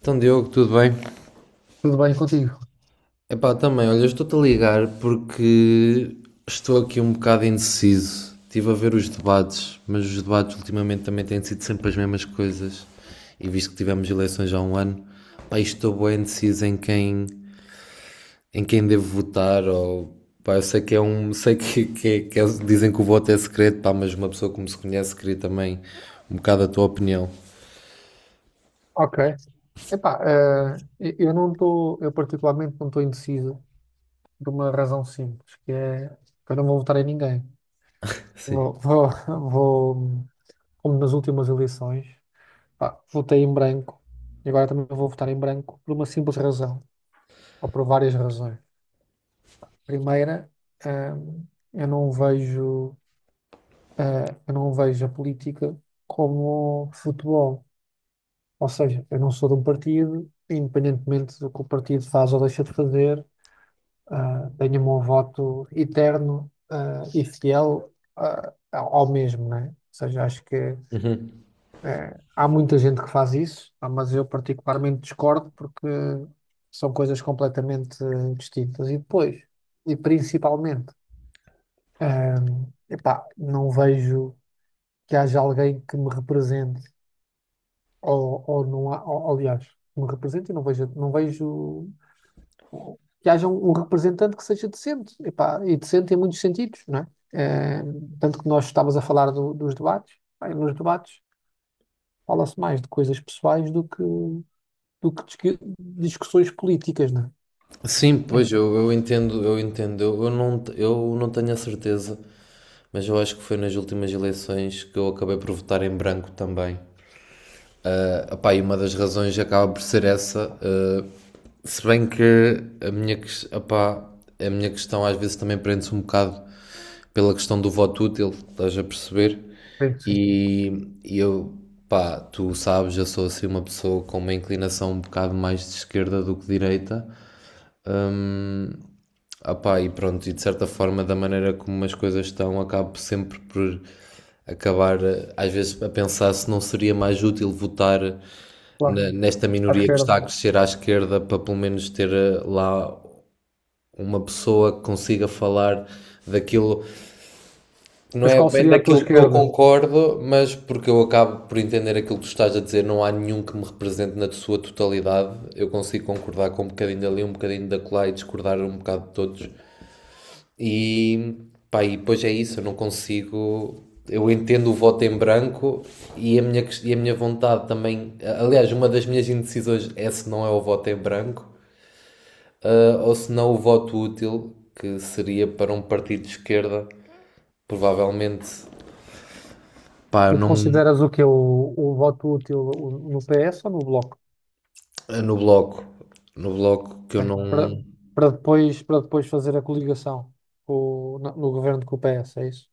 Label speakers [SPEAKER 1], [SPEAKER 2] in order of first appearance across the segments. [SPEAKER 1] Então, Diogo, tudo bem?
[SPEAKER 2] Tudo bem contigo?
[SPEAKER 1] Epá, também, olha, eu estou-te a ligar porque estou aqui um bocado indeciso. Estive a ver os debates, mas os debates ultimamente também têm sido sempre as mesmas coisas. E visto que tivemos eleições há um ano, pá, estou bem indeciso em quem devo votar ou... Pá, eu sei que é um... Sei que dizem que o voto é secreto, pá, mas uma pessoa que me se conhece queria também um bocado a tua opinião.
[SPEAKER 2] Ok. Epá, eu não estou, eu particularmente não estou indeciso por uma razão simples, que é que eu não vou votar em ninguém.
[SPEAKER 1] Sim.
[SPEAKER 2] Vou, vou, vou, como nas últimas eleições, pá, votei em branco e agora também vou votar em branco por uma simples razão, ou por várias razões. Primeira, eh, eu não vejo, eu não vejo a política como futebol. Ou seja, eu não sou de um partido, e independentemente do que o partido faz ou deixa de fazer, tenho o meu voto eterno, e fiel, ao mesmo, né? Ou seja, acho que há muita gente que faz isso, mas eu particularmente discordo porque são coisas completamente distintas. E depois, e principalmente, ah, epá, não vejo que haja alguém que me represente ou não há, ou, aliás, me representa e não vejo que haja um representante que seja decente. Epá, e decente em muitos sentidos, não é? Eh, tanto que nós estávamos a falar dos debates. Bem, nos debates fala-se mais de coisas pessoais do que discussões políticas, não
[SPEAKER 1] Sim,
[SPEAKER 2] é?
[SPEAKER 1] pois eu entendo, eu entendo. Eu não tenho a certeza, mas eu acho que foi nas últimas eleições que eu acabei por votar em branco também. Ah, pá, e uma das razões acaba por ser essa, se bem que a minha, opá, a minha questão às vezes também prende-se um bocado pela questão do voto útil, estás a perceber?
[SPEAKER 2] Sim, sim,
[SPEAKER 1] E, e eu, pá, tu sabes, eu sou assim uma pessoa com uma inclinação um bocado mais de esquerda do que direita. Ah pá, e pronto, e de certa forma, da maneira como as coisas estão, acabo sempre por acabar, às vezes, a pensar se não seria mais útil votar
[SPEAKER 2] claro,
[SPEAKER 1] nesta
[SPEAKER 2] à
[SPEAKER 1] minoria que
[SPEAKER 2] esquerda.
[SPEAKER 1] está a crescer à esquerda para pelo menos ter lá uma pessoa que consiga falar daquilo, não
[SPEAKER 2] Mas
[SPEAKER 1] é
[SPEAKER 2] qual
[SPEAKER 1] bem
[SPEAKER 2] seria a tua
[SPEAKER 1] daquilo que eu
[SPEAKER 2] esquerda?
[SPEAKER 1] concordo, mas porque eu acabo por entender aquilo que tu estás a dizer, não há nenhum que me represente na sua totalidade. Eu consigo concordar com um bocadinho dali, um bocadinho dacolá e discordar um bocado de todos. E, pá, e depois é isso, eu não consigo. Eu entendo o voto em branco e a minha, e a minha vontade também. Aliás, uma das minhas indecisões é se não é o voto em branco, ou se não o voto útil, que seria para um partido de esquerda, provavelmente, pá, eu
[SPEAKER 2] Mas
[SPEAKER 1] não,
[SPEAKER 2] consideras o voto útil no PS ou no Bloco?
[SPEAKER 1] no bloco. No bloco que eu não.
[SPEAKER 2] Para, para depois fazer a coligação com o- no, no governo com o PS, é isso?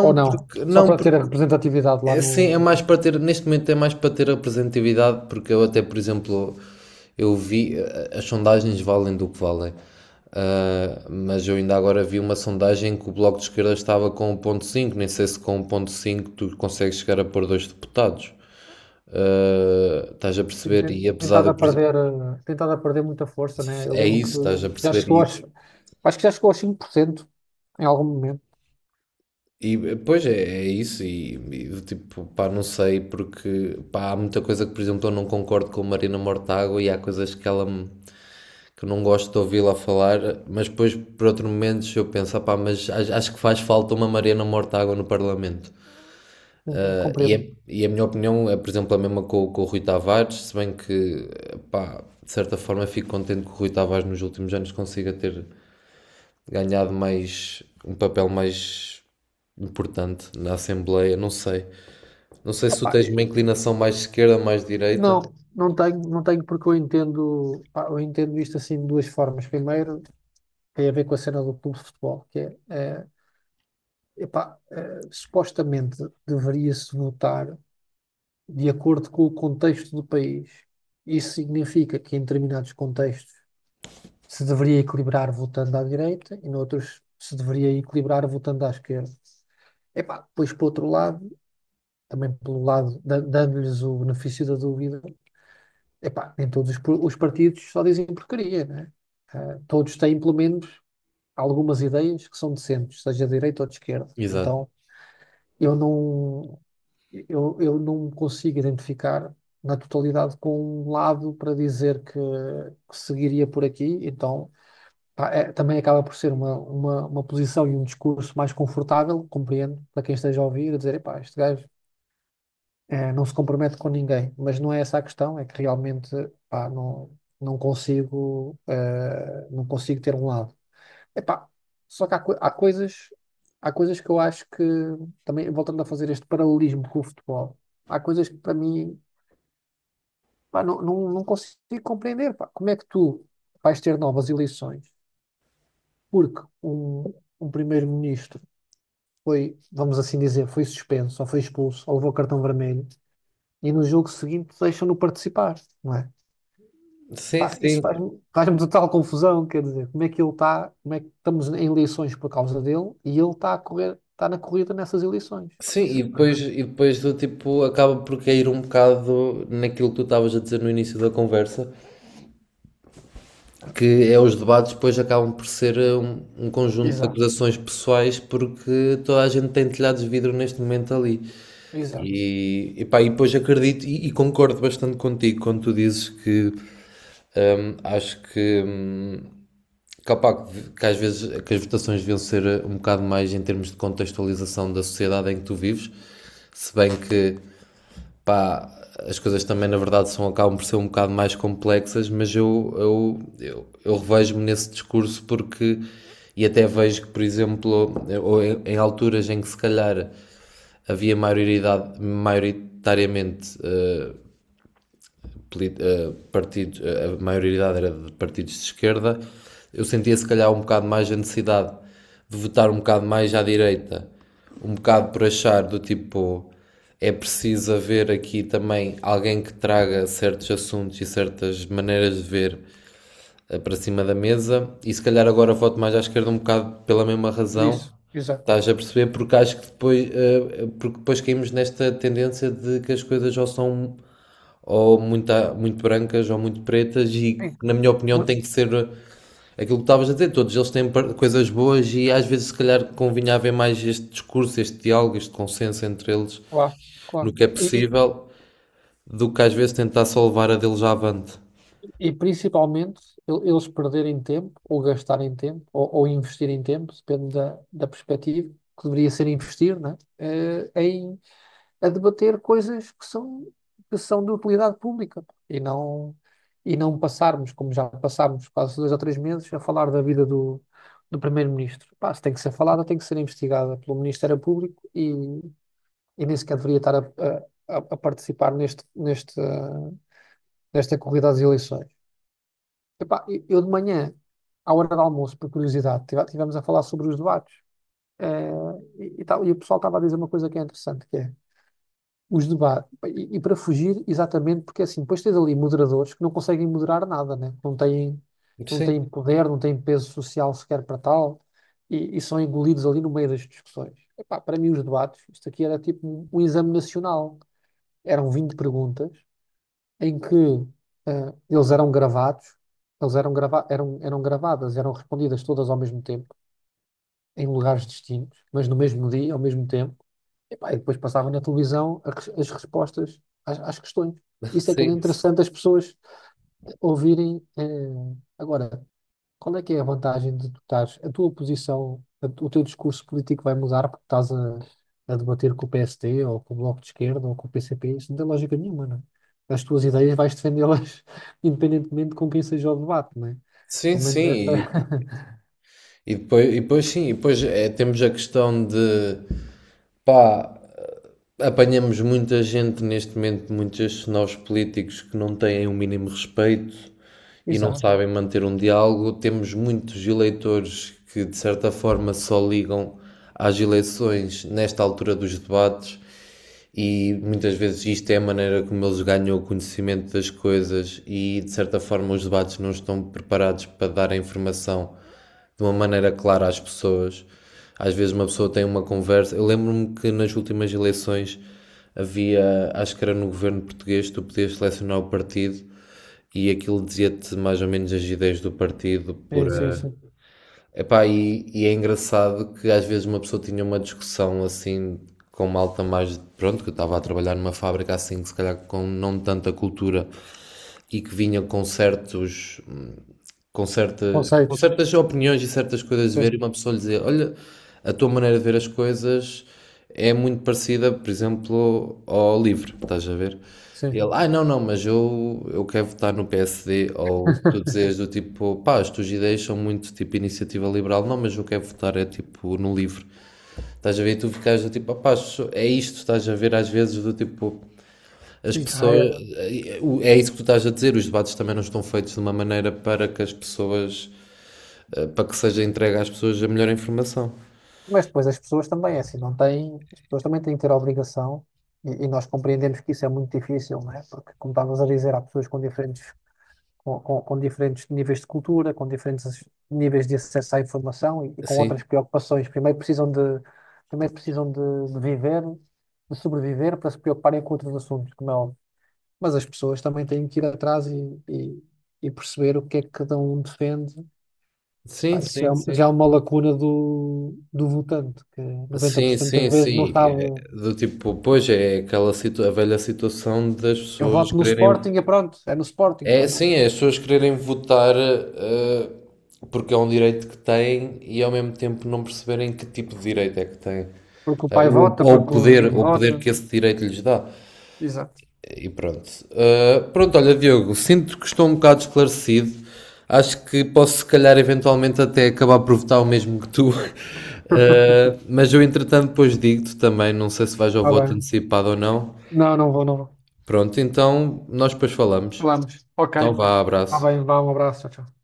[SPEAKER 2] Ou não?
[SPEAKER 1] porque,
[SPEAKER 2] Só
[SPEAKER 1] não,
[SPEAKER 2] para ter a representatividade lá
[SPEAKER 1] é. Sim, é mais
[SPEAKER 2] no-
[SPEAKER 1] para ter, neste momento é mais para ter representatividade, porque eu até, por exemplo, eu vi, as sondagens valem do que valem. Ah, mas eu ainda agora vi uma sondagem que o Bloco de Esquerda estava com 1,5, nem sei se com 1,5 tu consegues chegar a pôr dois deputados. Ah, estás a perceber? E apesar de,
[SPEAKER 2] tentado
[SPEAKER 1] eu,
[SPEAKER 2] a
[SPEAKER 1] por exemplo,
[SPEAKER 2] perder, muita força, né? Eu
[SPEAKER 1] é
[SPEAKER 2] lembro
[SPEAKER 1] isso,
[SPEAKER 2] que
[SPEAKER 1] estás a
[SPEAKER 2] já
[SPEAKER 1] perceber?
[SPEAKER 2] chegou
[SPEAKER 1] E,
[SPEAKER 2] aos, acho que já chegou aos 5% em algum momento.
[SPEAKER 1] e pois é, é isso, tipo, pá, não sei, porque pá, há muita coisa que, por exemplo, eu não concordo com a Marina Mortágua e há coisas que ela me que eu não gosto de ouvi-la falar, mas depois, por outros momentos, eu penso, pá, mas acho que faz falta uma Mariana Mortágua no Parlamento.
[SPEAKER 2] Sim,
[SPEAKER 1] Ah, E,
[SPEAKER 2] compreendo.
[SPEAKER 1] é- e a minha opinião é, por exemplo, a mesma com o Rui Tavares, se bem que, pá, de certa forma fico contente que o Rui Tavares nos últimos anos consiga ter ganhado mais, um papel mais importante na Assembleia, não sei. Não sei se tu
[SPEAKER 2] Opa,
[SPEAKER 1] tens uma inclinação mais esquerda, mais direita.
[SPEAKER 2] não, não tenho porque eu entendo, pá, eu entendo isto assim de duas formas. Primeiro, tem a ver com a cena do clube de futebol, que é, supostamente deveria-se votar de acordo com o contexto do país. Isso significa que em determinados contextos se deveria equilibrar voltando à direita e noutros se deveria equilibrar voltando à esquerda. Epá, depois, por outro lado, também pelo lado, dando-lhes o benefício da dúvida, epá, nem todos os partidos só dizem porcaria, né? Todos têm, pelo menos, algumas ideias que são decentes, seja de direita ou de esquerda.
[SPEAKER 1] Exato.
[SPEAKER 2] Então, eu não, eu não me consigo identificar na totalidade com um lado para dizer que seguiria por aqui. Então pá, também acaba por ser uma posição e um discurso mais confortável, compreendo, para quem esteja a ouvir, a dizer, epá, este gajo não se compromete com ninguém, mas não é essa a questão, é que realmente, pá, não consigo, não consigo ter um lado. Epá, só que há coisas que eu acho que, também voltando a fazer este paralelismo com o futebol, há coisas que para mim, pá, não consigo compreender. Pá, como é que tu vais ter novas eleições, porque um primeiro-ministro foi, vamos assim dizer, foi suspenso, ou foi expulso, ou levou cartão vermelho, e no jogo seguinte deixam-no participar, não é?
[SPEAKER 1] Sim,
[SPEAKER 2] Pá,
[SPEAKER 1] sim.
[SPEAKER 2] faz-me total confusão, quer dizer, como é que ele está, como é que estamos em eleições por causa dele e ele está a correr, está na corrida nessas eleições. Pá,
[SPEAKER 1] Sim, e
[SPEAKER 2] isso, pá.
[SPEAKER 1] depois, e depois do tipo acaba por cair um bocado naquilo que tu estavas a dizer no início da conversa, que é os debates depois acabam por ser um conjunto de
[SPEAKER 2] Exato,
[SPEAKER 1] acusações pessoais porque toda a gente tem telhados de vidro neste momento ali.
[SPEAKER 2] exato.
[SPEAKER 1] E pá, e depois acredito e concordo bastante contigo quando tu dizes que acho que, opá, que às vezes que as votações deviam ser um bocado mais em termos de contextualização da sociedade em que tu vives, se bem que pá, as coisas também na verdade são, acabam por ser um bocado mais complexas, mas eu revejo-me nesse discurso porque, e até vejo que, por exemplo, ou em alturas em que se calhar havia maioridade, maioritariamente partidos, a maioridade era de partidos de esquerda, eu sentia se calhar um bocado mais a necessidade de votar um bocado mais à direita, um bocado por achar do tipo é preciso haver aqui também alguém que traga certos assuntos e certas maneiras de ver para cima da mesa, e se calhar agora voto mais à esquerda um bocado pela mesma
[SPEAKER 2] Por
[SPEAKER 1] razão.
[SPEAKER 2] isso, exato.
[SPEAKER 1] Estás a perceber? Porque acho que depois, porque depois caímos nesta tendência de que as coisas ou são ou muito, muito brancas ou muito pretas, e
[SPEAKER 2] Sim,
[SPEAKER 1] na minha opinião
[SPEAKER 2] mu-
[SPEAKER 1] tem que ser aquilo que estavas a dizer, todos eles têm coisas boas e às vezes se calhar convinha haver mais este discurso, este diálogo, este consenso entre eles
[SPEAKER 2] claro,
[SPEAKER 1] no
[SPEAKER 2] claro.
[SPEAKER 1] que é
[SPEAKER 2] E,
[SPEAKER 1] possível, do que às vezes tentar só levar a deles à avante.
[SPEAKER 2] E principalmente eles perderem tempo, ou gastarem tempo, ou investirem tempo, depende da perspectiva, que deveria ser investir, né? Em a debater coisas que são de utilidade pública e não, e não passarmos, como já passámos quase 2 ou 3 meses, a falar da vida do primeiro-ministro. Pá, se tem que ser falada, tem que ser investigada pelo Ministério Público e nem sequer deveria estar a participar nesta corrida às eleições. Epá, eu de manhã, à hora do almoço, por curiosidade, tivemos a falar sobre os debates. eh, e tal, e o pessoal estava a dizer uma coisa que é interessante, que é os debates, e para fugir, exatamente, porque assim, depois tens ali moderadores que não conseguem moderar nada, né? Não
[SPEAKER 1] Sim,
[SPEAKER 2] têm poder, não têm peso social sequer para tal, e são engolidos ali no meio das discussões. Epá, para mim os debates, isto aqui era tipo um exame nacional. Eram 20 perguntas, em que eles eram gravados, eles eram, grava eram, eram gravadas, eram respondidas todas ao mesmo tempo, em lugares distintos, mas no mesmo dia, ao mesmo tempo, e depois passava na televisão as respostas às questões. Isso é que era
[SPEAKER 1] sim,
[SPEAKER 2] interessante as pessoas ouvirem. Agora, qual é que é a vantagem de tu estares, a tua posição, o teu discurso político vai mudar porque a debater com o PST ou com o Bloco de Esquerda ou com o PCP? Isso não tem lógica nenhuma, não é? As tuas ideias vais defendê-las independentemente com quem seja o debate, não é?
[SPEAKER 1] sim,
[SPEAKER 2] Pelo
[SPEAKER 1] sim.
[SPEAKER 2] menos
[SPEAKER 1] E,
[SPEAKER 2] essa...
[SPEAKER 1] e depois, e depois sim, e depois temos a questão de, pá, apanhamos muita gente neste momento, muitos nós políticos que não têm o mínimo respeito e não
[SPEAKER 2] Exato.
[SPEAKER 1] sabem manter um diálogo. Temos muitos eleitores que, de certa forma, só ligam às eleições nesta altura dos debates e muitas vezes isto é a maneira como eles ganham o conhecimento das coisas e de certa forma os debates não estão preparados para dar a informação de uma maneira clara às pessoas. Às vezes uma pessoa tem uma conversa. Eu lembro-me que nas últimas eleições havia, acho que era no governo português, tu podias selecionar o partido e aquilo dizia-te mais ou menos as ideias do partido
[SPEAKER 2] Sim,
[SPEAKER 1] por,
[SPEAKER 2] sim, sim.
[SPEAKER 1] epá, e é engraçado que às vezes uma pessoa tinha uma discussão assim com malta mais. Pronto, que eu estava a trabalhar numa fábrica assim, que se calhar com não tanta cultura e que vinha com certos, com
[SPEAKER 2] Conceitos.
[SPEAKER 1] certas opiniões e certas coisas de ver, e
[SPEAKER 2] Sim,
[SPEAKER 1] uma pessoa lhe dizia: Olha, a tua maneira de ver as coisas é muito parecida, por exemplo, ao livro, estás a ver? E
[SPEAKER 2] sim.
[SPEAKER 1] ele, não, não, mas eu quero votar no PSD. Ou tu dizes do tipo, pá, as tuas ideias são muito tipo iniciativa liberal, não, mas eu quero votar é tipo no livro. Estás a ver? E tu ficas do tipo, ah pá, é isto, estás a ver às vezes do tipo, as
[SPEAKER 2] Sim, ah, é.
[SPEAKER 1] pessoas, é isso que tu estás a dizer, os debates também não estão feitos de uma maneira para que as pessoas, para que seja entregue às pessoas a melhor informação.
[SPEAKER 2] Mas depois as pessoas também, é assim, não têm, as pessoas também têm que ter a obrigação, e nós compreendemos que isso é muito difícil, não é? Porque, como estavas a dizer, há pessoas com diferentes com diferentes níveis de cultura, com diferentes níveis de acesso à informação e com outras
[SPEAKER 1] Sim,
[SPEAKER 2] preocupações. Primeiro precisam de viver, de sobreviver para se preocuparem com outros assuntos, como é óbvio. Mas as pessoas também têm que ir atrás e perceber o que é que cada um defende.
[SPEAKER 1] sim,
[SPEAKER 2] Pá,
[SPEAKER 1] sim,
[SPEAKER 2] é
[SPEAKER 1] sim.
[SPEAKER 2] já é uma lacuna do votante, que noventa por
[SPEAKER 1] Sim,
[SPEAKER 2] cento das
[SPEAKER 1] sim,
[SPEAKER 2] vezes não
[SPEAKER 1] sim.
[SPEAKER 2] sabe.
[SPEAKER 1] É. Do tipo, pois é aquela situ a velha situação das
[SPEAKER 2] Eu
[SPEAKER 1] pessoas
[SPEAKER 2] voto no
[SPEAKER 1] quererem.
[SPEAKER 2] Sporting e pronto, é no Sporting,
[SPEAKER 1] É,
[SPEAKER 2] pronto.
[SPEAKER 1] sim, é as pessoas quererem votar porque é um direito que têm e ao mesmo tempo não perceberem que tipo de direito é que têm.
[SPEAKER 2] Porque o pai
[SPEAKER 1] Ou,
[SPEAKER 2] vota,
[SPEAKER 1] ou o
[SPEAKER 2] porque o
[SPEAKER 1] poder,
[SPEAKER 2] vizinho
[SPEAKER 1] ou o
[SPEAKER 2] vota.
[SPEAKER 1] poder que esse direito lhes dá.
[SPEAKER 2] Exato.
[SPEAKER 1] E pronto. Ah, pronto, olha, Diogo, sinto que estou um bocado esclarecido. Acho que posso, se calhar, eventualmente até acabar por votar o mesmo que tu. Ah, mas eu, entretanto, depois digo-te também. Não sei se vais ao
[SPEAKER 2] Ah,
[SPEAKER 1] voto
[SPEAKER 2] bem.
[SPEAKER 1] antecipado ou não.
[SPEAKER 2] Não, não vou, não vou.
[SPEAKER 1] Pronto, então nós depois falamos.
[SPEAKER 2] Falamos. Ok.
[SPEAKER 1] Então vá,
[SPEAKER 2] Tá
[SPEAKER 1] abraço.
[SPEAKER 2] bem, vá, um abraço. Tchau, tchau.